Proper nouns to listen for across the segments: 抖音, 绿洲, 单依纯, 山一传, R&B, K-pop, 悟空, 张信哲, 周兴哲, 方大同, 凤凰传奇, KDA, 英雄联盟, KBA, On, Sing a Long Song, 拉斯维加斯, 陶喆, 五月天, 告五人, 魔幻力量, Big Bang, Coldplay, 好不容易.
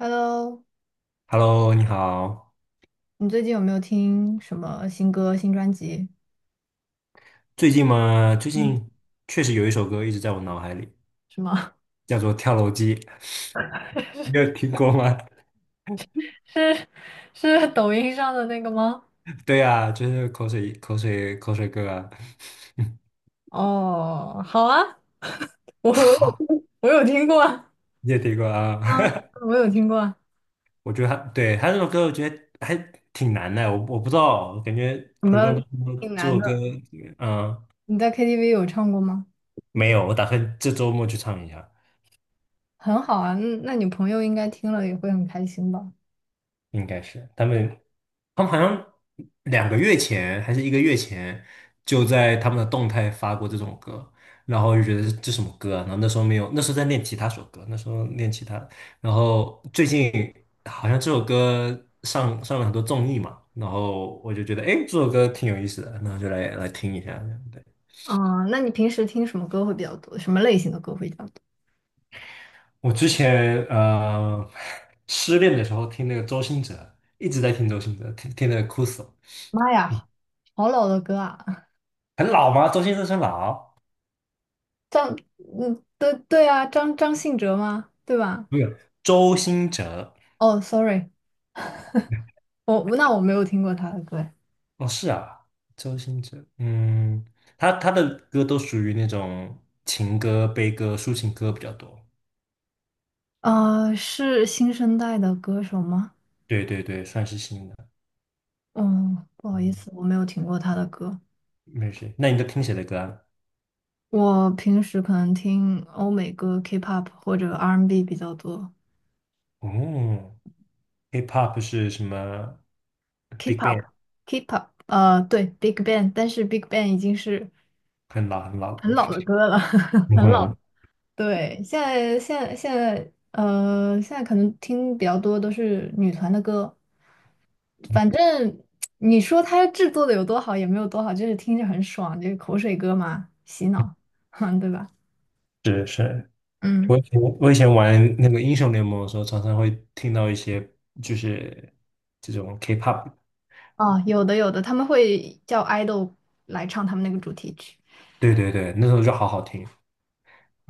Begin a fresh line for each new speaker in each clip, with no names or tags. Hello，
Hello，你好。
你最近有没有听什么新歌、新专辑？
最近嘛，最
嗯，
近确实有一首歌一直在我脑海里，
是吗？
叫做《跳楼机》，你有听过吗？
是是抖音上的那个吗？
对啊，就是口水、口水、口水歌啊。
哦，好啊，我我有
好，
我有听过啊，
你也听过啊？
我有听过啊，
我觉得他对他这首歌，我觉得还挺难的。我不知道，我感觉
什
很
么
多人都说
挺
这
难
首歌，
的？
嗯、
你在 KTV 有唱过吗？
没有。我打算这周末去唱一下。
很好啊，那你朋友应该听了也会很开心吧？
应该是他们，他们好像2个月前还是1个月前，就在他们的动态发过这种歌，然后就觉得这什么歌啊？然后那时候没有，那时候在练吉他首歌，那时候练吉他，然后最近好像这首歌上了很多综艺嘛，然后我就觉得，哎，这首歌挺有意思的，然后就来听一下这样。对，
啊，那你平时听什么歌会比较多？什么类型的歌会比较多？
我之前失恋的时候听那个周兴哲，一直在听周兴哲，听的哭死了。
妈
嗯，
呀，好老的歌啊！
很老吗？周兴哲很老。
张，嗯，对对啊，张信哲吗？对吧？
没有周兴哲。
哦，sorry，那我没有听过他的歌诶
哦，是啊，周兴哲，嗯，他的歌都属于那种情歌、悲歌、抒情歌比较多。
是新生代的歌手吗？
对对对，算是新的。
嗯，不好意
嗯，
思，我没有听过他的歌。
没事。那你都听谁的歌啊？
我平时可能听欧美歌、K-pop 或者 R&B 比较多。
哦，Hip-Hop 是什么？Big
K-pop、
Bang，
K-pop，对，Big Bang，但是 Big Bang 已经是
很老很老。
很老的 歌了，很老。
嗯，
对，现在现在可能听比较多都是女团的歌。反正你说它制作的有多好也没有多好，就是听着很爽，就是口水歌嘛，洗脑，哼，对吧？
是是。
嗯，
我以前玩那个英雄联盟的时候，常常会听到一些就是这种 K-pop。
哦，有的有的，他们会叫 idol 来唱他们那个主题曲，
对对对，那时候就好好听，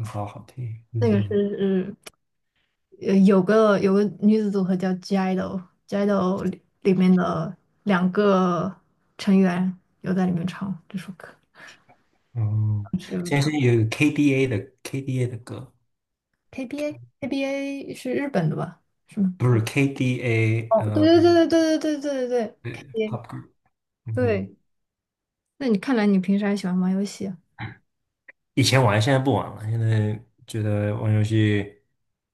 好好听。
那个
嗯。
是有个女子组合叫 G idol，G idol 里面的两个成员有在里面唱这首歌，
哦，
是有
现
唱
在是有 KDA 的 KDA 的歌，
KBA KBA 是日本的吧？是吗？
不是 KDA，
哦，
呃，
对对对对对对对对对
对
，KBA
，pop group，嗯哼，
对。那你看来你平时还喜欢玩游戏啊，
以前玩，现在不玩了，现在觉得玩游戏，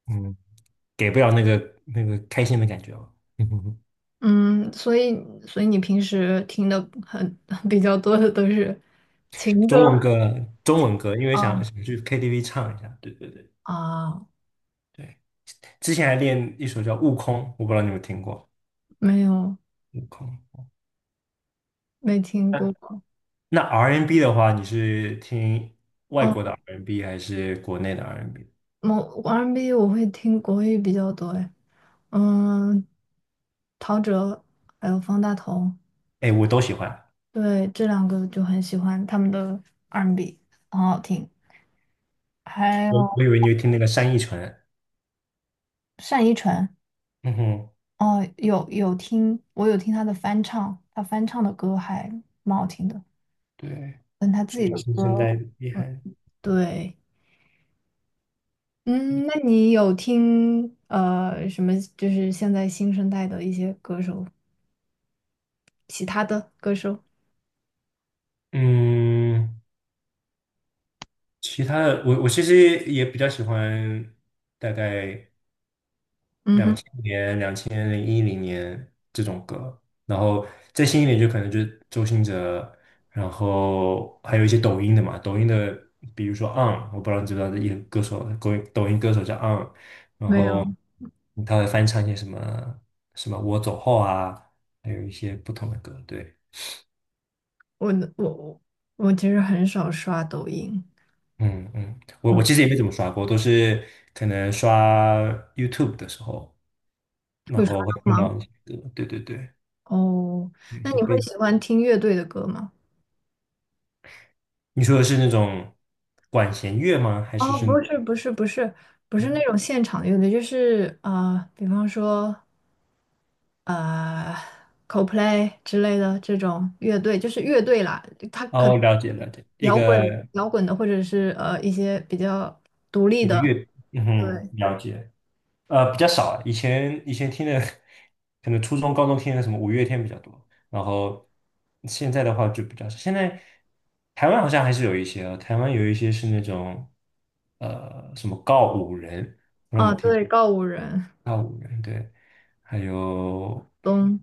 嗯，给不了那个那个开心的感觉了。嗯哼，
嗯，所以你平时听的很 比较多的都是情歌，
中文歌，中文歌，因为想
啊
想去 KTV 唱一下，对对对
啊，
对，之前还练一首叫《悟空》，我不知道你有没有听过
没有
《悟空》。
没听过，
那 R&B 的话，你是听外
嗯，
国的 R&B 还是国内的 R&B？
我 R&B 我会听国语比较多，哎，嗯，陶喆还有方大同，
哎，我都喜欢。
对，这两个就很喜欢他们的 R&B，很好听，还
我
有
我以为你会听那个山一传，
单依纯，
嗯哼，
哦，有听，我有听他的翻唱，他翻唱的歌还蛮好听的，
对，
但他自
是
己
的
的
新现
歌，
在厉
嗯
害。
对，嗯，那你有听什么？就是现在新生代的一些歌手，其他的歌手？
嗯，其他的我其实也比较喜欢大概。
嗯
两
哼，
年、零一零年这种歌，然后再新一点就可能就是周兴哲，然后还有一些抖音的嘛，抖音的比如说 On，我不知道你知不知道这一个歌手，抖音歌手叫 On，然
没
后
有，
他会翻唱一些什么什么我走后啊，还有一些不同的歌，对。
我我我我其实很少刷抖音，
嗯嗯，我
嗯，
其实也没怎么刷过，都是可能刷 YouTube 的时候，然
会刷
后会
到
听
吗？
到一些歌，对对对，
哦，
有一
那
些
你会
背景。
喜欢听乐队的歌吗？
你说的是那种管弦乐吗？还是
哦，
是？
不是不是不是不是那
嗯
种现场乐队，就是比方说呃，Coldplay 之类的这种乐队，就是乐队啦，它可能
哦，了解了解，一
摇滚
个
摇滚的，或者是一些比较独立
一个
的，
乐，嗯
对
哼了解。呃，比较少啊以前听的，可能初中、高中听的什么五月天比较多，然后现在的话就比较少。现在台湾好像还是有一些啊，台湾有一些是那种呃什么告五人，不知我
啊，
们听
对，告五人
告五人，对，还有
东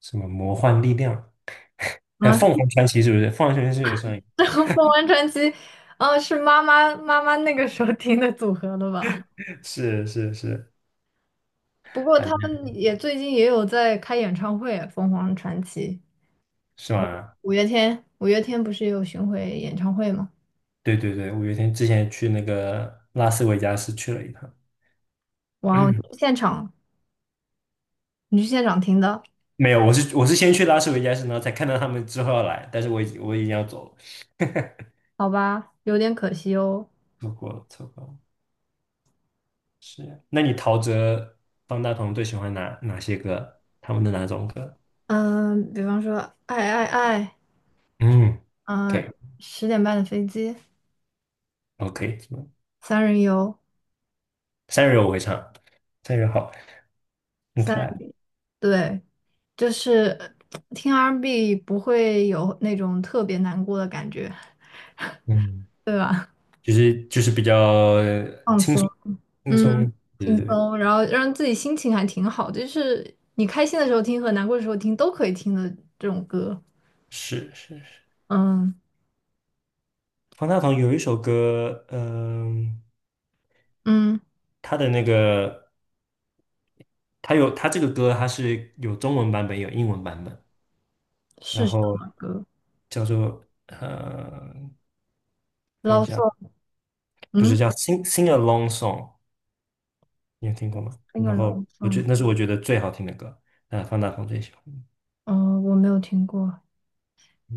什么魔幻力量，
啊，
还有 凤凰传奇是不是？凤凰传奇是也算。
这个凤凰传奇，啊，是妈妈那个时候听的组合的吧？
是是是，
不过
反
他们
正
也最近也有在开演唱会啊，凤凰传奇。
是吧？
五月天不是有巡回演唱会吗？
对对对，五月天之前去那个拉斯维加斯去了一趟，
哇哦，你去现场听的，
没有，我是先去拉斯维加斯，然后才看到他们之后要来，但是我已经要走了，
好吧，有点可惜哦。
错过了错过了。是啊，那你陶喆、方大同最喜欢哪些歌？他们的哪种歌？
嗯，比方说《爱爱爱》，
嗯
嗯，
，OK
十点半的飞机，
OK，
三人游，
三人我会唱，三人好，很
三
可爱，
人，对，就是听 R&B and B 不会有那种特别难过的感觉，
嗯，
对吧？
就是比较呃
放松，
轻
嗯，
松，对
轻
对对，
松，然后让自己心情还挺好，就是你开心的时候听和难过的时候听都可以听的这种歌，
是是。
嗯。
方大同有一首歌，
嗯，
他的那个，他这个歌，它是有中文版本，有英文版本，
是
然
什
后
么歌
叫做
l
看一
o
下，不
嗯，
是叫《Sing a Long Song》，你有听过吗？
那个
然
l o
后
v
我觉那是我觉得最好听的歌，那方大同最喜欢
哦，我没有听过。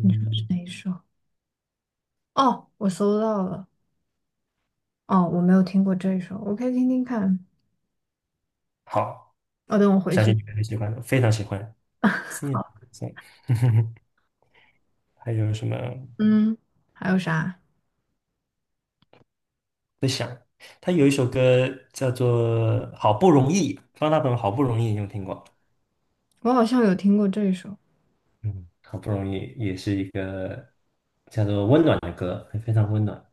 你说是哪一首？哦，我搜到了。哦，我没有听过这一首，我可以听听看。
好，
哦，等我
我
回
相信
去。
你们很喜欢的，非常喜欢 《Sing a Long
好，
Song》还有什么？
嗯，还有啥？
他有一首歌叫做《好不容易》，方大同《好不容易》，你有听过？
我好像有听过这一首。
嗯，好不容易也是一个叫做温暖的歌，非常温暖，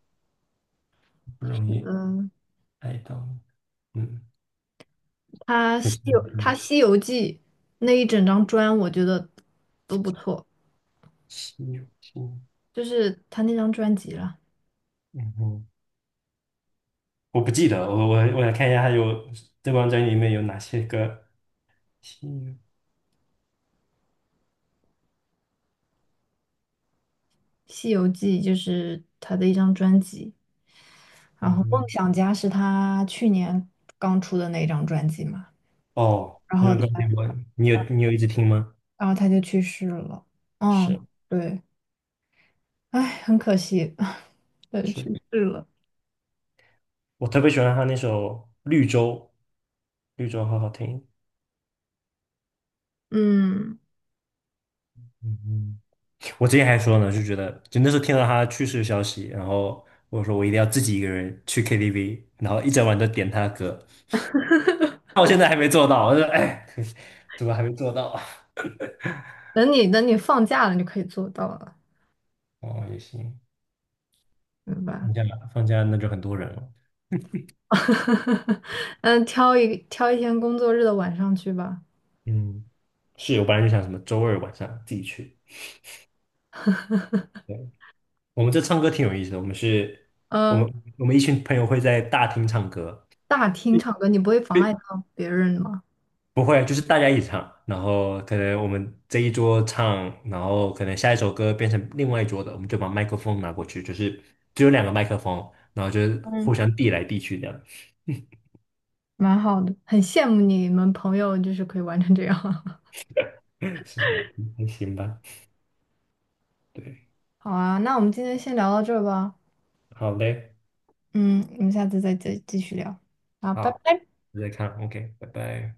不容易
嗯，
爱到你嗯，可惜你
他
的
《西游记》那一整张专，我觉得都不错，
心有心。
就是他那张专辑了，
嗯哼，我不记得，我想看一下，还有这张专辑里面有哪些歌？心
《西游记》就是他的一张专辑。
有，
然
嗯
后《梦
哼，
想家》是他去年刚出的那一张专辑嘛，
哦，
然
那
后
首
他
歌给我你有一直听吗？
然后他就去世了。
是
嗯，对，哎，很可惜，对，去
是，
世了。
我特别喜欢他那首《绿洲》，绿洲好好听。
嗯，
嗯嗯，我之前还说呢，就觉得就那时候听到他去世的消息，然后我说我一定要自己一个人去 KTV，然后一整晚都点他的歌。那我现在还没做到，我就说哎，可惜怎么还没做到啊
等你放假了，你就可以做到了，
哦，也行，
明白？
放假放假那就很多人了。
嗯，挑一天工作日的晚上去吧。
嗯，是我本来就想什么周二晚上自己去。对，我们这唱歌挺有意思的，我们是，我
嗯，
们我们一群朋友会在大厅唱歌。
大厅唱歌，你不会妨碍到别人吗？
不会，就是大家一起唱，然后可能我们这一桌唱，然后可能下一首歌变成另外一桌的，我们就把麦克风拿过去，就是只有两个麦克风，然后就是
嗯，
互相递来递去这样。
蛮好的，很羡慕你们朋友，就是可以玩成这样。
是吧？嗯还行吧。对，
好啊，那我们今天先聊到这儿吧。
好嘞，
嗯，我们下次再继续聊。好，拜
好，
拜。
再看，OK，拜拜。